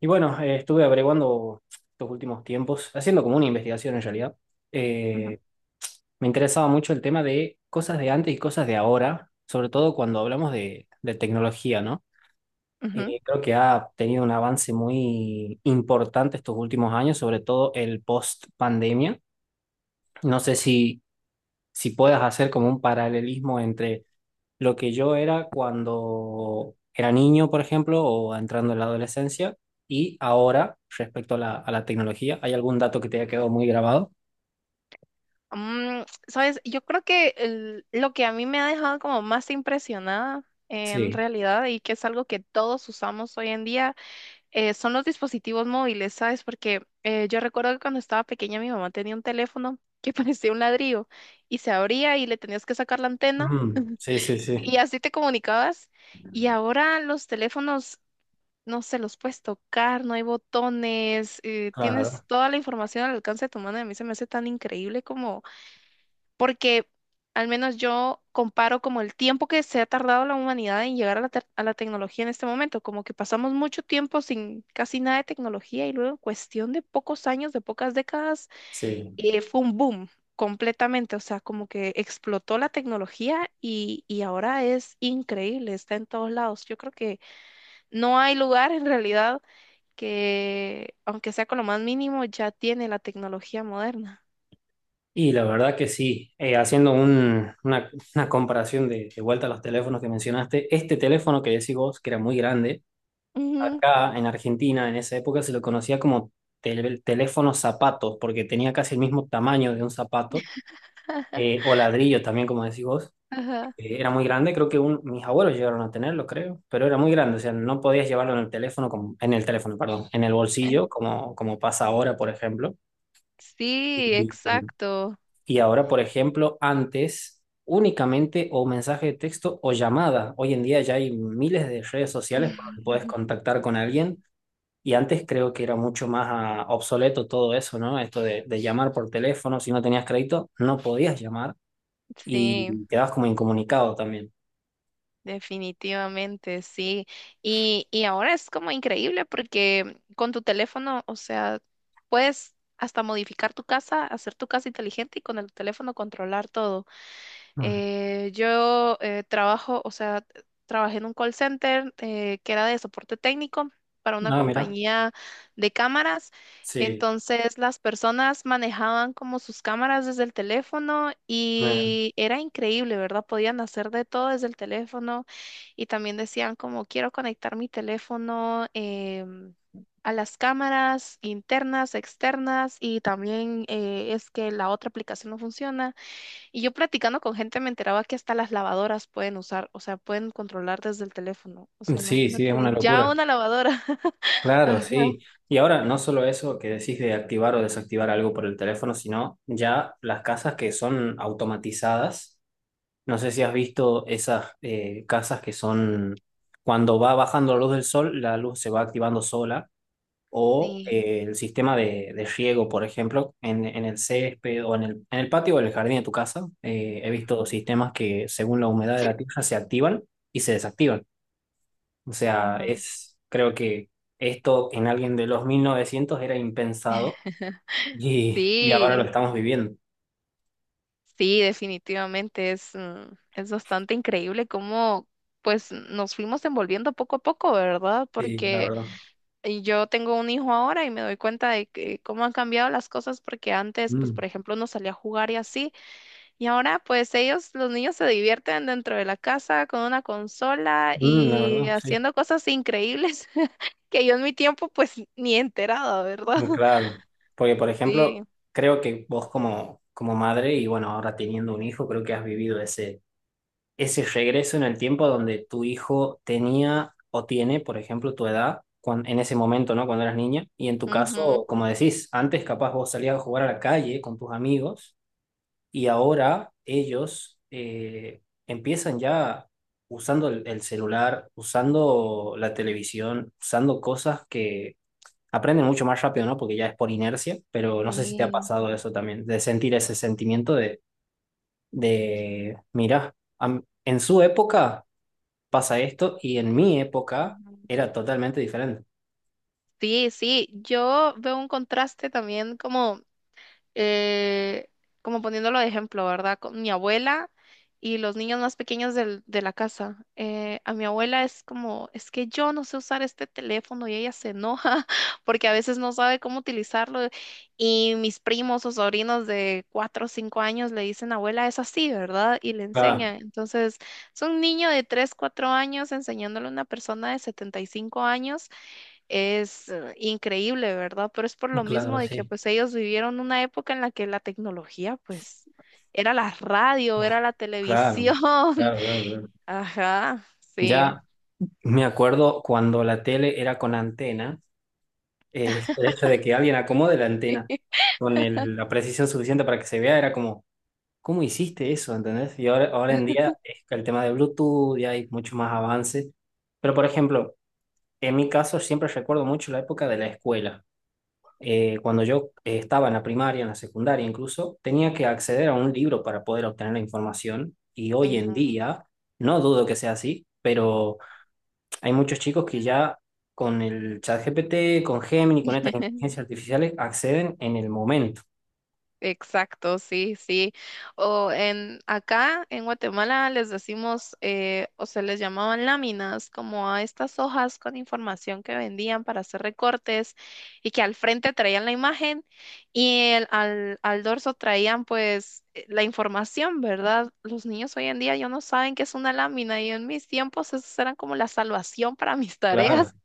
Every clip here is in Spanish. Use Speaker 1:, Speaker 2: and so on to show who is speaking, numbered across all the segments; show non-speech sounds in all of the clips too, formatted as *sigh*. Speaker 1: Y bueno, estuve averiguando estos últimos tiempos, haciendo como una investigación en realidad.
Speaker 2: Ujú,
Speaker 1: Eh, me interesaba mucho el tema de cosas de antes y cosas de ahora, sobre todo cuando hablamos de tecnología, ¿no?
Speaker 2: ujú.
Speaker 1: Creo que ha tenido un avance muy importante estos últimos años, sobre todo el post pandemia. No sé si, si puedas hacer como un paralelismo entre lo que yo era cuando era niño, por ejemplo, o entrando en la adolescencia, y ahora respecto a la tecnología. ¿Hay algún dato que te haya quedado muy grabado?
Speaker 2: Sabes, yo creo que lo que a mí me ha dejado como más impresionada en
Speaker 1: Sí.
Speaker 2: realidad y que es algo que todos usamos hoy en día son los dispositivos móviles, ¿sabes? Porque yo recuerdo que cuando estaba pequeña mi mamá tenía un teléfono que *laughs* parecía un ladrillo y se abría y le tenías que sacar la antena
Speaker 1: Mm, sí, sí,
Speaker 2: y
Speaker 1: sí.
Speaker 2: así te comunicabas. Y ahora los teléfonos, no se los puedes tocar, no hay botones, tienes
Speaker 1: Claro,
Speaker 2: toda la información al alcance de tu mano y a mí se me hace tan increíble como porque al menos yo comparo como el tiempo que se ha tardado la humanidad en llegar a la tecnología en este momento, como que pasamos mucho tiempo sin casi nada de tecnología y luego en cuestión de pocos años, de pocas décadas,
Speaker 1: sí.
Speaker 2: fue un boom completamente. O sea, como que explotó la tecnología y ahora es increíble, está en todos lados. Yo creo que no hay lugar en realidad que, aunque sea con lo más mínimo, ya tiene la tecnología moderna.
Speaker 1: Y la verdad que sí. Haciendo una comparación de vuelta a los teléfonos que mencionaste, este teléfono que decís vos, que era muy grande,
Speaker 2: Ujú.
Speaker 1: acá en Argentina en esa época se lo conocía como teléfono zapato, porque tenía casi el mismo tamaño de un zapato, o ladrillo también, como decís vos.
Speaker 2: Ajá.
Speaker 1: Era muy grande, creo que mis abuelos llegaron a tenerlo, creo, pero era muy grande, o sea, no podías llevarlo en el teléfono, como, en el teléfono, perdón, en el bolsillo, como, como pasa ahora, por ejemplo.
Speaker 2: Sí,
Speaker 1: Y,
Speaker 2: exacto.
Speaker 1: y ahora, por ejemplo, antes únicamente o mensaje de texto o llamada. Hoy en día ya hay miles de redes sociales por donde puedes
Speaker 2: *laughs*
Speaker 1: contactar con alguien. Y antes creo que era mucho más obsoleto todo eso, ¿no? Esto de llamar por teléfono, si no tenías crédito, no podías llamar
Speaker 2: Sí,
Speaker 1: y quedabas como incomunicado también.
Speaker 2: definitivamente, sí. Y ahora es como increíble porque con tu teléfono, o sea, puedes hasta modificar tu casa, hacer tu casa inteligente y con el teléfono controlar todo.
Speaker 1: Ah,
Speaker 2: Yo trabajo, o sea, trabajé en un call center que era de soporte técnico para una
Speaker 1: ah,
Speaker 2: compañía de cámaras.
Speaker 1: sí,
Speaker 2: Entonces las personas manejaban como sus cámaras desde el teléfono
Speaker 1: mira.
Speaker 2: y era increíble, ¿verdad? Podían hacer de todo desde el teléfono y también decían como quiero conectar mi teléfono a las cámaras internas, externas y también es que la otra aplicación no funciona. Y yo platicando con gente me enteraba que hasta las lavadoras pueden usar, o sea, pueden controlar desde el teléfono. O sea,
Speaker 1: Sí, sí, es
Speaker 2: imagínate,
Speaker 1: una
Speaker 2: ya
Speaker 1: locura.
Speaker 2: una lavadora. *laughs*
Speaker 1: Claro,
Speaker 2: Ajá.
Speaker 1: sí. Y ahora no solo eso que decís de activar o desactivar algo por el teléfono, sino ya las casas que son automatizadas. No sé si has visto esas casas que son, cuando va bajando la luz del sol, la luz se va activando sola o
Speaker 2: Sí.
Speaker 1: el sistema de riego, por ejemplo, en el césped o en el patio o en el jardín de tu casa. He
Speaker 2: Ajá.
Speaker 1: visto sistemas que según la humedad de la tierra se activan y se desactivan. O sea,
Speaker 2: Ajá.
Speaker 1: es, creo que esto en alguien de los 1900 era impensado
Speaker 2: *laughs*
Speaker 1: y ahora lo
Speaker 2: Sí,
Speaker 1: estamos viviendo.
Speaker 2: sí, definitivamente es bastante increíble cómo pues nos fuimos envolviendo poco a poco, ¿verdad?
Speaker 1: Sí, la
Speaker 2: Porque
Speaker 1: verdad.
Speaker 2: yo tengo un hijo ahora y me doy cuenta de que cómo han cambiado las cosas porque antes, pues por
Speaker 1: Mm,
Speaker 2: ejemplo, uno salía a jugar y así. Y ahora, pues ellos, los niños se divierten dentro de la casa con una consola
Speaker 1: mm, la
Speaker 2: y
Speaker 1: verdad, sí.
Speaker 2: haciendo cosas increíbles *laughs* que yo en mi tiempo, pues ni enterada, ¿verdad?
Speaker 1: Muy
Speaker 2: *laughs*
Speaker 1: claro. Porque, por ejemplo,
Speaker 2: Sí.
Speaker 1: creo que vos como, como madre y bueno, ahora teniendo un hijo, creo que has vivido ese ese regreso en el tiempo donde tu hijo tenía o tiene, por ejemplo, tu edad en ese momento, ¿no? Cuando eras niña. Y en tu caso,
Speaker 2: Ujú,
Speaker 1: como decís, antes capaz vos salías a jugar a la calle con tus amigos y ahora ellos empiezan ya usando el celular, usando la televisión, usando cosas que aprenden mucho más rápido, ¿no? Porque ya es por inercia, pero no sé si te ha
Speaker 2: sí.
Speaker 1: pasado eso también, de sentir ese sentimiento de mira, en su época pasa esto y en mi época
Speaker 2: Ujú.
Speaker 1: era totalmente diferente.
Speaker 2: Sí, sí, yo veo un contraste también eh, como poniéndolo de ejemplo, ¿verdad? Con mi abuela y los niños más pequeños de la casa. A mi abuela es como, es que yo no sé usar este teléfono y ella se enoja *laughs* porque a veces no sabe cómo utilizarlo. Y mis primos o sobrinos de 4 o 5 años le dicen, abuela, es así, ¿verdad? Y le
Speaker 1: Claro,
Speaker 2: enseñan. Entonces, es un niño de 3, 4 años enseñándole a una persona de 75 años es increíble, ¿verdad? Pero es por lo mismo
Speaker 1: claro,
Speaker 2: de que
Speaker 1: sí.
Speaker 2: pues ellos vivieron una época en la que la tecnología pues era la radio, era la
Speaker 1: Claro.
Speaker 2: televisión.
Speaker 1: Claro, claro, claro.
Speaker 2: *laughs* Ajá, sí.
Speaker 1: Ya me acuerdo cuando la tele era con antena. El hecho de que alguien acomode la antena con la precisión suficiente para que se vea era como, ¿cómo hiciste eso? ¿Entendés? Y ahora, ahora en día es que el tema de Bluetooth y hay mucho más avance. Pero por ejemplo, en mi caso siempre recuerdo mucho la época de la escuela. Cuando yo estaba en la primaria, en la secundaria incluso, tenía que acceder a un libro para poder obtener la información y hoy en
Speaker 2: Ujú.
Speaker 1: día, no dudo que sea así, pero hay muchos chicos que ya con el ChatGPT, con Gemini, con estas
Speaker 2: *laughs*
Speaker 1: inteligencias artificiales acceden en el momento.
Speaker 2: Exacto, sí, sí. O en acá en Guatemala les decimos, o se les llamaban láminas, como a estas hojas con información que vendían para hacer recortes y que al frente traían la imagen y al dorso traían pues la información, ¿verdad? Los niños hoy en día ya no saben qué es una lámina y en mis tiempos esas eran como la salvación para mis
Speaker 1: Claro,
Speaker 2: tareas.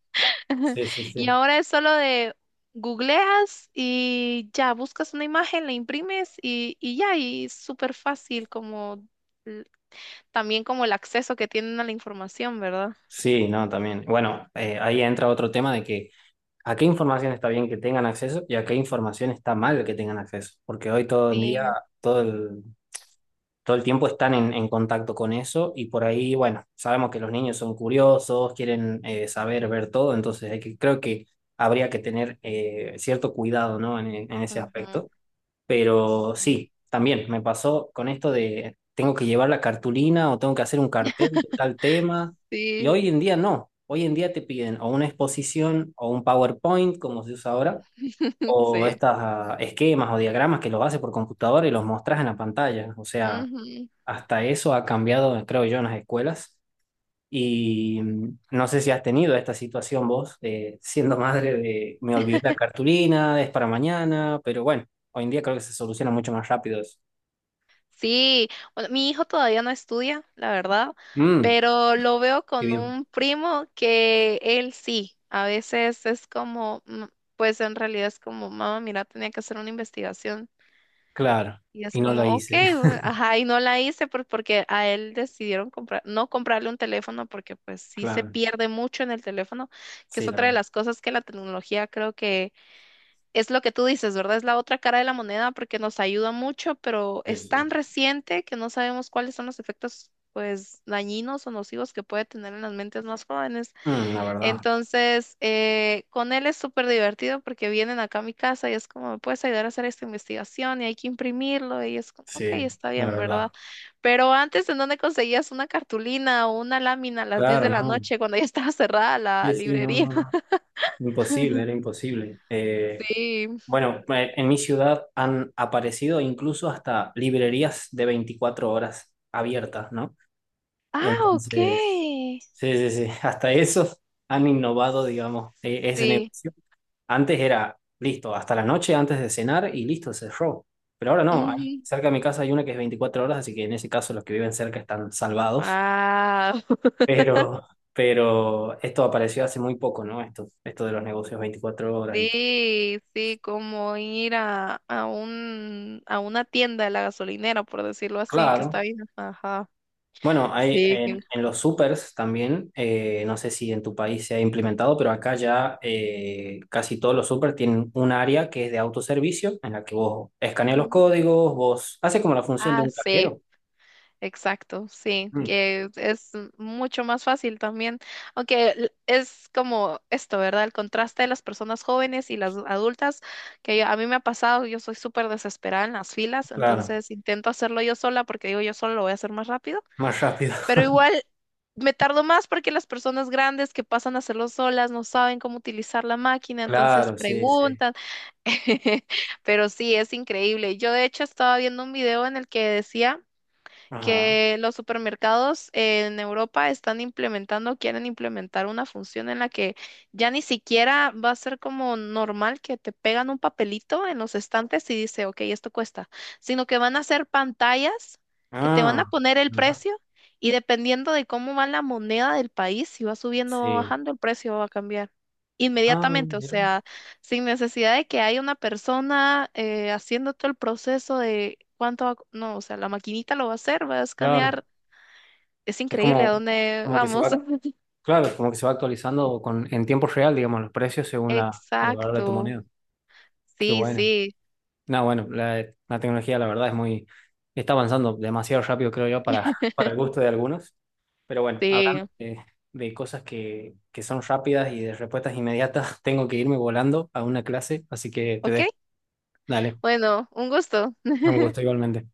Speaker 2: *laughs*
Speaker 1: sí, sí, sí.
Speaker 2: Y ahora es solo de googleas y ya buscas una imagen, la imprimes y ya, y es súper fácil como l- también como el acceso que tienen a la información, ¿verdad?
Speaker 1: Sí, no, también. Bueno, ahí entra otro tema de que a qué información está bien que tengan acceso y a qué información está mal que tengan acceso, porque hoy todo el día,
Speaker 2: Sí.
Speaker 1: todo el, todo el tiempo están en contacto con eso y por ahí, bueno, sabemos que los niños son curiosos, quieren saber, ver todo, entonces hay que, creo que habría que tener cierto cuidado, ¿no? En ese aspecto.
Speaker 2: Ujú,
Speaker 1: Pero
Speaker 2: sí.
Speaker 1: sí, también me pasó con esto de tengo que llevar la cartulina o tengo que hacer un cartel de tal tema y
Speaker 2: Sí.
Speaker 1: hoy en día no. Hoy en día te piden o una exposición o un PowerPoint, como se usa ahora,
Speaker 2: *laughs*
Speaker 1: o
Speaker 2: Sí.
Speaker 1: estos esquemas o diagramas que los haces por computadora y los mostras en la pantalla. O sea,
Speaker 2: Ujú.
Speaker 1: hasta eso ha cambiado, creo yo, en las escuelas. Y no sé si has tenido esta situación vos, siendo madre de me olvidé la cartulina, es para mañana, pero bueno, hoy en día creo que se soluciona mucho más rápido eso.
Speaker 2: Sí, bueno, mi hijo todavía no estudia, la verdad,
Speaker 1: Mm,
Speaker 2: pero lo veo
Speaker 1: qué
Speaker 2: con
Speaker 1: bien.
Speaker 2: un primo que él sí, a veces es como, pues en realidad es como, mamá, mira, tenía que hacer una investigación.
Speaker 1: Claro,
Speaker 2: Y es
Speaker 1: y no lo
Speaker 2: como, ok,
Speaker 1: hice. *laughs*
Speaker 2: ajá, y no la hice porque a él decidieron comprar, no comprarle un teléfono porque pues sí se
Speaker 1: Claro,
Speaker 2: pierde mucho en el teléfono, que es
Speaker 1: sí, la
Speaker 2: otra de
Speaker 1: verdad.
Speaker 2: las cosas que la tecnología creo que es lo que tú dices, ¿verdad? Es la otra cara de la moneda porque nos ayuda mucho, pero
Speaker 1: Sí,
Speaker 2: es
Speaker 1: sí.
Speaker 2: tan reciente que no sabemos cuáles son los efectos, pues, dañinos o nocivos que puede tener en las mentes más jóvenes.
Speaker 1: Mm, la verdad,
Speaker 2: Entonces, con él es súper divertido porque vienen acá a mi casa y es como, ¿me puedes ayudar a hacer esta investigación? Y hay que imprimirlo y es como, ok,
Speaker 1: sí,
Speaker 2: está
Speaker 1: la
Speaker 2: bien, ¿verdad?
Speaker 1: verdad.
Speaker 2: Pero antes, ¿en dónde conseguías una cartulina o una lámina a las 10
Speaker 1: Claro,
Speaker 2: de la
Speaker 1: no.
Speaker 2: noche cuando ya estaba cerrada la
Speaker 1: Sí, sí, no,
Speaker 2: librería?
Speaker 1: no, no.
Speaker 2: *laughs*
Speaker 1: Imposible, era imposible.
Speaker 2: Sí.
Speaker 1: Bueno, en mi ciudad han aparecido incluso hasta librerías de 24 horas abiertas, ¿no?
Speaker 2: Ah, ok.
Speaker 1: Entonces, sí, sí, sí, *laughs* hasta eso han innovado, digamos, ese
Speaker 2: Sí.
Speaker 1: negocio. Antes era, listo, hasta la noche antes de cenar y listo, cerró. Pero ahora no, ahí
Speaker 2: Ujú.
Speaker 1: cerca de mi casa hay una que es 24 horas, así que en ese caso los que viven cerca están salvados. *laughs*
Speaker 2: Ah, *laughs*
Speaker 1: Pero esto apareció hace muy poco, ¿no? Esto de los negocios 24 horas y...
Speaker 2: sí, sí, como ir a una tienda de la gasolinera, por decirlo así, que
Speaker 1: Claro.
Speaker 2: está bien. Ajá.
Speaker 1: Bueno, hay
Speaker 2: Sí.
Speaker 1: en los supers también, no sé si en tu país se ha implementado, pero acá ya casi todos los supers tienen un área que es de autoservicio, en la que vos escaneas los
Speaker 2: Ujú.
Speaker 1: códigos, vos hace como la función de
Speaker 2: Ah,
Speaker 1: un
Speaker 2: sí.
Speaker 1: cajero.
Speaker 2: Exacto, sí,
Speaker 1: Mm,
Speaker 2: que es mucho más fácil también, aunque es como esto, ¿verdad? El contraste de las personas jóvenes y las adultas, que a mí me ha pasado, yo soy súper desesperada en las filas,
Speaker 1: claro,
Speaker 2: entonces intento hacerlo yo sola porque digo, yo solo lo voy a hacer más rápido,
Speaker 1: más rápido.
Speaker 2: pero
Speaker 1: *laughs*
Speaker 2: igual me tardo más porque las personas grandes que pasan a hacerlo solas no saben cómo utilizar la máquina, entonces
Speaker 1: Claro, sí, sí.
Speaker 2: preguntan. *laughs* Pero sí, es increíble. Yo de hecho estaba viendo un video en el que decía
Speaker 1: Ajá.
Speaker 2: que los supermercados en Europa están implementando, quieren implementar una función en la que ya ni siquiera va a ser como normal que te pegan un papelito en los estantes y dice, ok, esto cuesta, sino que van a hacer pantallas que te van a
Speaker 1: Ah,
Speaker 2: poner el
Speaker 1: mira.
Speaker 2: precio y dependiendo de cómo va la moneda del país, si va subiendo o
Speaker 1: Sí.
Speaker 2: bajando, el precio va a cambiar
Speaker 1: Ah,
Speaker 2: inmediatamente. O
Speaker 1: mira.
Speaker 2: sea, sin necesidad de que haya una persona haciendo todo el proceso de cuánto va, no, o sea, la maquinita lo va a hacer, va a
Speaker 1: Claro.
Speaker 2: escanear. Es
Speaker 1: Es
Speaker 2: increíble a
Speaker 1: como,
Speaker 2: dónde
Speaker 1: como que se
Speaker 2: vamos.
Speaker 1: va,
Speaker 2: *laughs*
Speaker 1: claro, como que se va actualizando con, en tiempo real, digamos, los precios según la, el valor de tu
Speaker 2: Exacto.
Speaker 1: moneda. Qué
Speaker 2: Sí,
Speaker 1: bueno.
Speaker 2: sí,
Speaker 1: No, bueno, la tecnología la verdad es muy, está avanzando demasiado rápido, creo yo, para,
Speaker 2: *laughs*
Speaker 1: *laughs* para el gusto de algunos. Pero bueno,
Speaker 2: sí.
Speaker 1: hablando de cosas que son rápidas y de respuestas inmediatas, *laughs* tengo que irme volando a una clase, así que te
Speaker 2: Ok.
Speaker 1: dejo. Dale,
Speaker 2: Bueno, un gusto.
Speaker 1: un gusto igualmente.